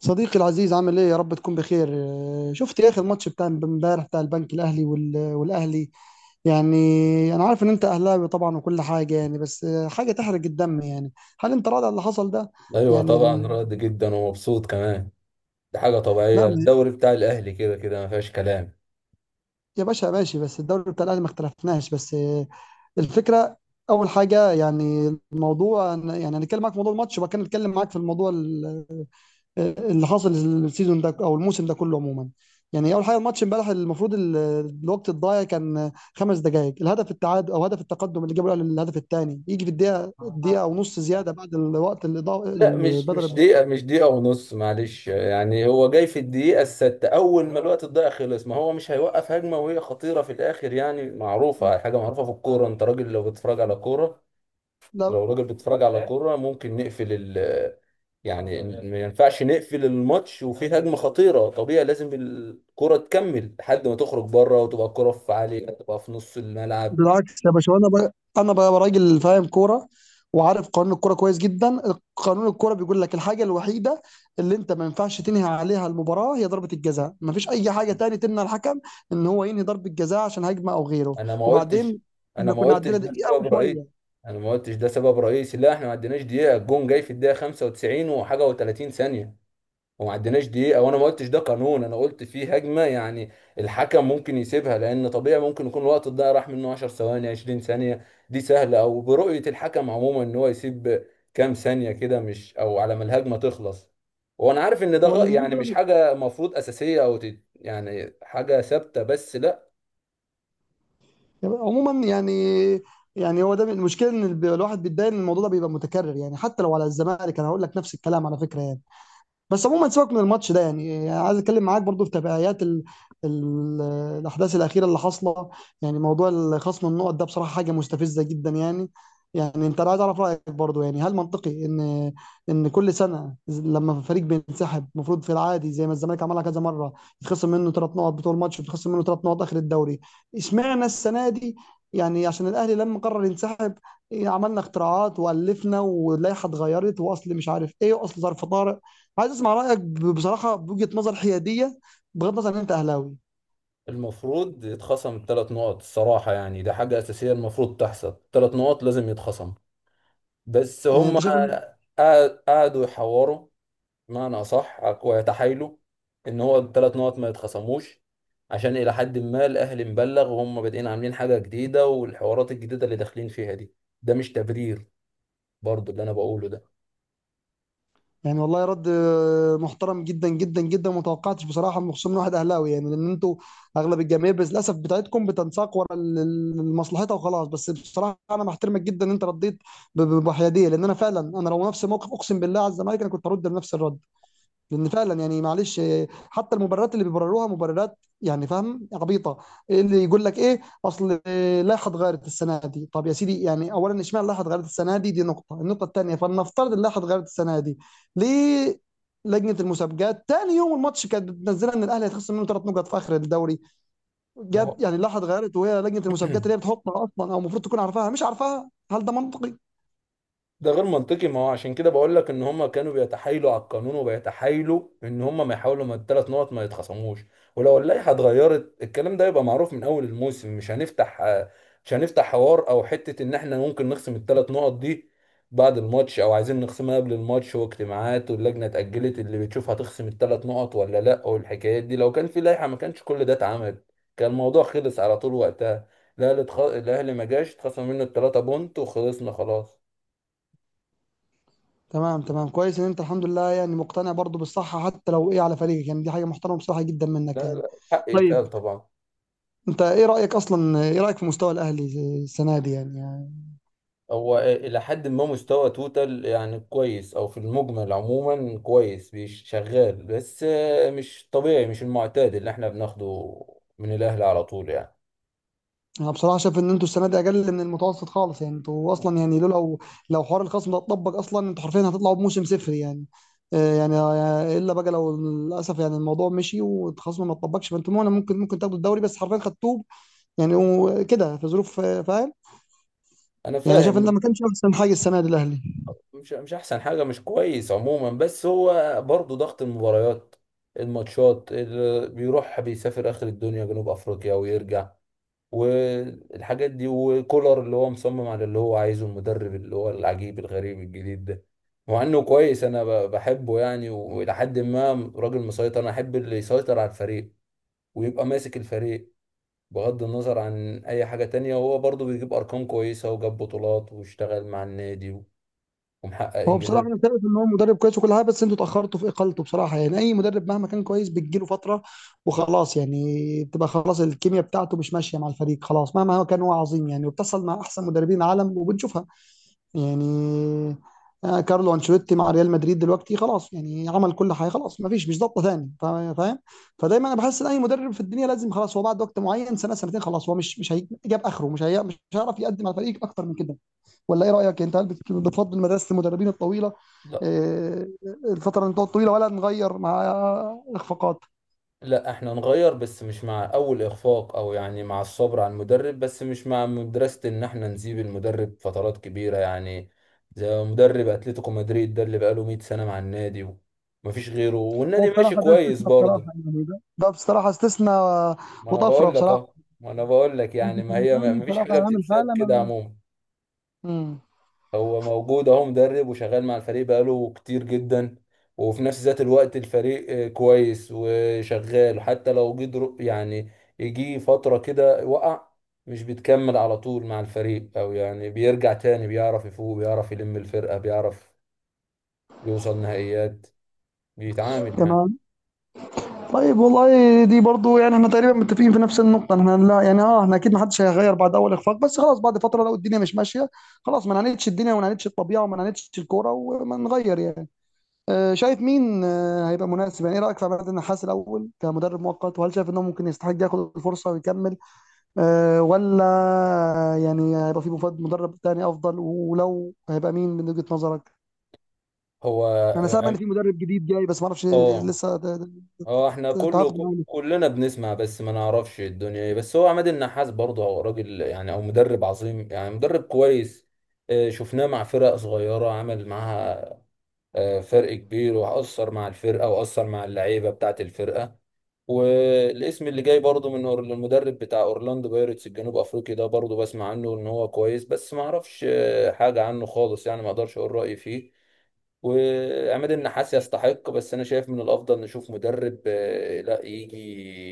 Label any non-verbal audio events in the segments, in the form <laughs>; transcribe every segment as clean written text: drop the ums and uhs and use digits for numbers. صديقي العزيز، عامل ايه؟ يا رب تكون بخير. شفت يا اخي الماتش بتاع امبارح بتاع البنك الاهلي والاهلي يعني. انا عارف ان انت اهلاوي طبعا وكل حاجه يعني، بس حاجه تحرق الدم يعني. هل انت راضي على اللي حصل ده؟ ايوه، يعني طبعا راضي جدا ومبسوط كمان. دي حاجه لا طبيعيه، ما- الدوري بتاع الاهلي كده كده ما فيهاش كلام. يا باشا ماشي، بس الدوري بتاع الاهلي ما اختلفناش، بس الفكره. اول حاجه يعني الموضوع يعني هنتكلم معاك في موضوع الماتش وبعد كده نتكلم معاك في الموضوع اللي حصل السيزون ده او الموسم ده كله عموما. يعني اول حاجه الماتش امبارح المفروض الوقت الضايع كان 5 دقائق، الهدف التعادل او هدف التقدم اللي جابه الاهلي الهدف الثاني يجي في الدقيقه دقيقه او نص زياده بعد الوقت اللي ضاع لا، مش البدل. دقيقه، مش دقيقه ونص، معلش، يعني هو جاي في الدقيقه السادسه اول ما الوقت الضايع خلص. ما هو مش هيوقف هجمه وهي خطيره في الاخر، يعني معروفه، حاجه معروفه في الكوره. انت راجل لو بتتفرج على كوره، لو راجل بيتفرج على كورة ممكن نقفل ال، يعني ما ينفعش نقفل الماتش وفيه هجمة خطيرة، طبيعي لازم الكرة تكمل لحد ما تخرج بره، وتبقى الكرة في عليك، تبقى في نص الملعب. بالعكس يا باشا، انا بقى راجل فاهم كوره وعارف قانون الكوره كويس جدا. قانون الكوره بيقول لك الحاجه الوحيده اللي انت ما ينفعش تنهي عليها المباراه هي ضربه الجزاء، ما فيش اي حاجه تاني تمنع الحكم ان هو ينهي ضربه جزاء عشان هجمه او غيره. انا ما قلتش وبعدين انا احنا ما كنا قلتش عندنا ده دقيقه سبب رئيسي. وشويه. لا احنا ما عديناش دقيقة، الجون جاي في الدقيقة 95 وحاجة و30 ثانية، وما عديناش دقيقة، وانا ما قلتش ده قانون، انا قلت فيه هجمة يعني الحكم ممكن يسيبها، لان طبيعي ممكن يكون الوقت الضايع راح منه 10 ثواني 20 ثانية، دي سهلة، او برؤية الحكم عموما ان هو يسيب كام ثانية كده، مش او على ما الهجمة تخلص. وانا عارف ان ده هو اللي بيريد يعني مش حاجة مفروض اساسية، او يعني حاجة ثابتة، بس لا. الجزاء. عموما يعني، يعني هو ده المشكله، ان الواحد بيتضايق ان الموضوع ده بيبقى متكرر، يعني حتى لو على الزمالك انا هقول لك نفس الكلام على فكره يعني. بس عموما سيبك من الماتش ده، يعني عايز اتكلم معاك برضو في تبعيات ال... الاحداث الاخيره اللي حاصله. يعني موضوع خصم النقط ده بصراحه حاجه مستفزه جدا يعني. يعني انت، أنا عايز اعرف رايك برضو، يعني هل منطقي ان ان كل سنه لما فريق بينسحب المفروض في العادي زي ما الزمالك عملها كذا مره يتخصم منه 3 نقط بطول ماتش، ويتخصم منه 3 نقط اخر الدوري؟ اشمعنى السنه دي؟ يعني عشان الاهلي لما قرر ينسحب عملنا اختراعات والفنا واللائحه اتغيرت، واصل مش عارف ايه، واصل ظرف طارئ. عايز اسمع رايك بصراحه بوجهه نظر حياديه، بغض النظر ان انت اهلاوي. المفروض يتخصم الثلاث نقط الصراحة، يعني ده حاجة اساسية المفروض تحصل، ثلاث نقط لازم يتخصم. بس يعني هم انت شايف قعدوا يحوروا بمعنى أصح ويتحايلوا إن هو الثلاث نقط ما يتخصموش، عشان إلى حد ما الأهلي مبلغ وهم بادئين عاملين حاجة جديدة، والحوارات الجديدة اللي داخلين فيها دي، ده مش تبرير برضو اللي أنا بقوله ده. يعني والله رد محترم جدا جدا جدا، وما توقعتش بصراحه خصوصا من واحد اهلاوي، يعني لان انتوا اغلب الجماهير بس للاسف بتاعتكم بتنساق ورا مصلحتها وخلاص. بس بصراحه انا بحترمك جدا ان انت رديت بحياديه، لان انا فعلا، انا لو نفس الموقف اقسم بالله على الزمالك انا كنت هرد بنفس الرد، لان فعلا يعني معلش حتى المبررات اللي بيبرروها مبررات يعني فاهم عبيطه. اللي يقول لك ايه اصل اللائحه اتغيرت السنه دي. طب يا سيدي، يعني اولا اشمعنى اللائحه اتغيرت السنه دي؟ دي نقطه. النقطه الثانيه، فلنفترض اللائحه اتغيرت السنه دي، ليه لجنه المسابقات تاني يوم الماتش كانت بتنزلها ان الاهلي هيتخصم منه 3 نقط في اخر الدوري؟ ما جت هو يعني اللائحه اتغيرت وهي لجنه المسابقات اللي هي <clears throat> بتحطها اصلا او المفروض تكون عارفاها مش عارفاها. هل ده منطقي؟ ده غير منطقي، ما هو عشان كده بقول لك ان هم كانوا بيتحايلوا على القانون وبيتحايلوا ان هم ما يحاولوا ما الثلاث نقط ما يتخصموش. ولو اللائحه اتغيرت، الكلام ده يبقى معروف من اول الموسم. مش هنفتح حوار او حته ان احنا ممكن نخصم الثلاث نقط دي بعد الماتش، او عايزين نخصمها قبل الماتش، واجتماعات، واللجنه اتاجلت اللي بتشوف هتخصم الثلاث نقط ولا لا. والحكايات دي لو كان في لائحه ما كانش كل ده اتعمل، كان الموضوع خلص على طول وقتها، الاهلي ما جاش اتخصم منه الثلاثه بونت وخلصنا خلاص. تمام تمام، كويس ان انت الحمد لله يعني مقتنع برضو بالصحة حتى لو ايه على فريقك، يعني دي حاجة محترمة بصراحة جدا منك لا، يعني. لا، حق طيب، يتقال طبعا. انت ايه رأيك اصلا؟ ايه رأيك في مستوى الاهلي السنة دي يعني، يعني هو إلى حد ما مستوى توتال يعني كويس، أو في المجمل عموما كويس، شغال، بس مش طبيعي، مش المعتاد اللي احنا بناخده من الأهلي على طول يعني. انا بصراحة شايف ان انتوا السنة دي اقل من المتوسط خالص، يعني انتوا اصلا يعني لولا لو لو حوار الخصم ده اتطبق اصلا انتوا حرفيا هتطلعوا بموسم صفري يعني. يعني الا بقى لو للاسف يعني الموضوع مشي والخصم ما اتطبقش فانتوا ممكن تاخدوا الدوري، بس حرفيا خدتوه يعني، وكده في ظروف فاهم. أنا يعني شايف ان ده ما فاهم. كانش احسن حاجة السنة دي الاهلي. مش أحسن حاجة، مش كويس عموما، بس هو برضه ضغط المباريات، الماتشات اللي بيروح بيسافر آخر الدنيا جنوب أفريقيا ويرجع، والحاجات دي، وكولر اللي هو مصمم على اللي هو عايزه، المدرب اللي هو العجيب الغريب الجديد ده. مع انه كويس، انا بحبه يعني، والى حد ما راجل مسيطر، انا احب اللي يسيطر على الفريق ويبقى ماسك الفريق بغض النظر عن اي حاجة تانية، وهو برضه بيجيب ارقام كويسة وجاب بطولات واشتغل مع النادي ومحقق هو بصراحة انجازات. أنا شايف إن هو مدرب كويس وكل حاجة، بس أنتوا اتأخرتوا في إقالته بصراحة. يعني أي مدرب مهما كان كويس بتجيله فترة وخلاص، يعني بتبقى خلاص الكيمياء بتاعته مش ماشية مع الفريق خلاص، مهما هو كان هو عظيم يعني، وبتحصل مع أحسن مدربين العالم وبنشوفها يعني. كارلو أنشيلوتي مع ريال مدريد دلوقتي خلاص يعني، عمل كل حاجة، خلاص ما فيش، مش ضابطة تاني. فاهم؟ فدايما أنا بحس إن أي مدرب في الدنيا لازم خلاص هو بعد وقت معين، سنة سنتين، خلاص هو مش هيجيب آخره، مش هيعرف يقدم على الفريق أكتر من كده. ولا ايه رايك انت؟ هل بتفضل مدرسه المدربين الطويله، آه، الفتره الطويله، ولا نغير مع اخفاقات؟ لا احنا نغير، بس مش مع اول اخفاق، او يعني مع الصبر على المدرب، بس مش مع مدرسة ان احنا نسيب المدرب فترات كبيرة يعني، زي مدرب اتلتيكو مدريد ده اللي بقاله 100 سنة مع النادي ومفيش غيره هو والنادي ماشي بصراحة ده كويس استثناء بصراحة، برضه. يعني ده بصراحه استثناء ما انا وطفره بقول لك بصراحه، اه ما انا بقول لك يعني، يجي في ما هي اليوناني مفيش بصراحة حاجة عامل بتتساب حالة كده ما. عموما. امم هو موجود اهو، مدرب وشغال مع الفريق بقاله كتير جدا، وفي نفس ذات الوقت الفريق كويس وشغال، وحتى لو جه يعني يجي فترة كده وقع، مش بيتكمل على طول مع الفريق، او يعني بيرجع تاني، بيعرف يفوق، بيعرف يلم الفرقة، بيعرف يوصل نهائيات، بيتعامل يعني. تمام. طيب والله دي برضو يعني احنا تقريبا متفقين في نفس النقطة. احنا لا، يعني احنا اكيد ما حدش هيغير بعد اول اخفاق، بس خلاص بعد فترة لو الدنيا مش ماشية خلاص، ما نعاندش الدنيا وما نعاندش الطبيعة وما نعاندش الكورة وما نغير يعني. شايف مين هيبقى مناسب؟ يعني ايه رايك في عماد النحاس الاول كمدرب مؤقت؟ وهل شايف انه ممكن يستحق ياخد الفرصه ويكمل ولا؟ يعني هيبقى في مدرب تاني افضل؟ ولو هيبقى مين من وجهه نظرك؟ هو انا اه سامع ان آه، في مدرب جديد جاي، بس ما اعرفش آه، لسه هو احنا تعاقد معاه. كلنا بنسمع بس ما نعرفش الدنيا ايه، بس هو عماد النحاس برضه هو راجل يعني او مدرب عظيم، يعني مدرب كويس. شفناه مع فرق صغيرة عمل معاها فرق كبير، وأثر مع الفرقة، وأثر مع اللعيبة بتاعة الفرقة. والاسم اللي جاي برضه من المدرب بتاع اورلاندو بايرتس الجنوب افريقي ده، برضه بسمع عنه ان هو كويس، بس ما اعرفش حاجة عنه خالص، يعني ما اقدرش اقول رأيي فيه. وعماد النحاس يستحق، بس انا شايف من الافضل نشوف مدرب لا يجي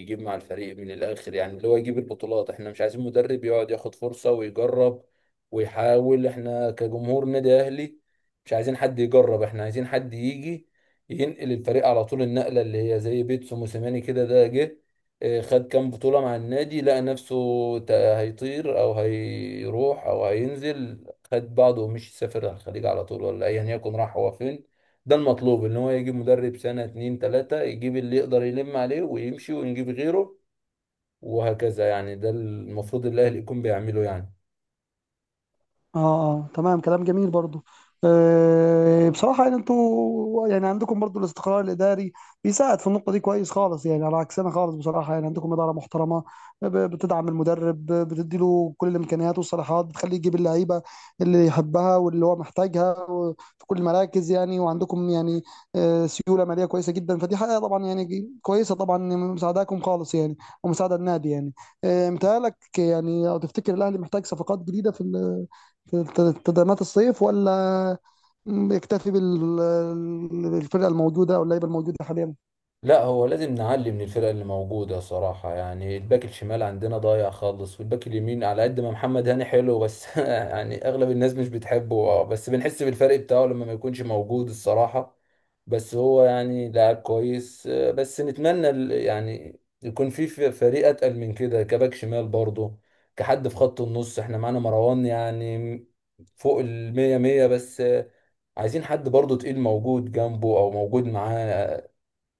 يجيب مع الفريق من الاخر، يعني اللي هو يجيب البطولات. احنا مش عايزين مدرب يقعد ياخد فرصة ويجرب ويحاول، احنا كجمهور نادي اهلي مش عايزين حد يجرب، احنا عايزين حد يجي ينقل الفريق على طول النقلة، اللي هي زي بيتسو موسيماني كده، ده جه خد كام بطولة مع النادي، لقى نفسه هيطير أو هيروح أو هينزل، خد بعضه ومشي سافر على الخليج على طول، ولا أيا يكن راح هو فين. ده المطلوب، إن هو يجيب مدرب سنة اتنين تلاتة، يجيب اللي يقدر يلم عليه ويمشي ونجيب غيره وهكذا، يعني ده المفروض الأهلي يكون بيعمله يعني. اه، اه، تمام، كلام جميل برضو. بصراحة يعني انتوا يعني عندكم برضو الاستقرار الإداري، بيساعد في النقطة دي كويس خالص، يعني على عكسنا خالص بصراحة، يعني عندكم إدارة محترمة، بتدعم المدرب، بتدي له كل الإمكانيات والصلاحيات، بتخليه يجيب اللعيبة اللي يحبها واللي هو محتاجها في كل المراكز يعني. وعندكم يعني سيولة مالية كويسة جدا، فدي حاجة طبعا يعني كويسة، طبعا يعني مساعداكم خالص يعني، ومساعدة النادي يعني. متهيألك يعني، أو تفتكر الأهلي محتاج صفقات جديدة في تدعيمات الصيف؟ ولا يكتفي بالفرقه الموجوده او اللعيبه الموجوده حاليا؟ لا، هو لازم نعلي من الفرق اللي موجودة صراحة، يعني الباك الشمال عندنا ضايع خالص، والباك اليمين على قد ما محمد هاني حلو بس <laughs> يعني أغلب الناس مش بتحبه بس بنحس بالفرق بتاعه لما ما يكونش موجود الصراحة. بس هو يعني لاعب كويس بس نتمنى ال، يعني يكون في فريق أتقل من كده كباك شمال برضه. كحد في خط النص، احنا معانا مروان يعني فوق المية مية، بس عايزين حد برضه تقيل موجود جنبه او موجود معاه،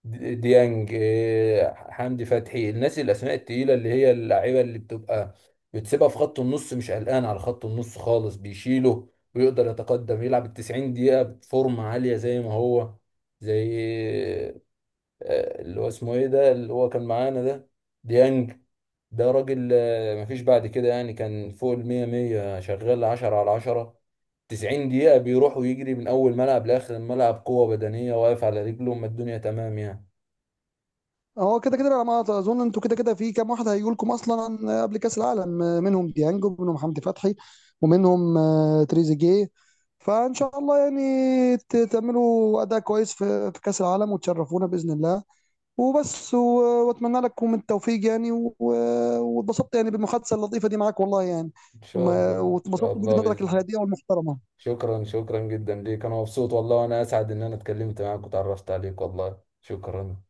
ديانج، حمدي فتحي، الناس الاسماء التقيله اللي هي اللعيبه اللي بتبقى بتسيبها في خط النص مش قلقان على خط النص خالص. بيشيله ويقدر يتقدم، يلعب ال 90 دقيقه بفورمه عاليه زي ما هو، زي اللي هو اسمه ايه ده اللي هو كان معانا ده، ديانج، ده راجل مفيش بعد كده يعني، كان فوق ال 100 100 شغال 10 على 10، 90 دقيقه بيروح ويجري من اول ملعب لاخر الملعب، قوه بدنيه واقف على رجله، ما الدنيا تمام يعني. هو كده كده على ما اظن انتوا كده كده في كام واحد هيجوا لكم اصلا قبل كاس العالم، منهم ديانج ومنهم حمدي فتحي ومنهم تريزيجيه. فان شاء الله يعني تعملوا اداء كويس في كاس العالم وتشرفونا باذن الله. وبس، واتمنى لكم التوفيق يعني، واتبسطت يعني بالمحادثه اللطيفه دي معاك والله يعني. ان شاء الله، ان واتبسطت شاء الله، بوجهه نظرك باذن الله. الحياديه والمحترمه. شكرا، شكرا جدا ليك، انا مبسوط والله، وانا اسعد ان انا اتكلمت معاك وتعرفت عليك، والله شكرا.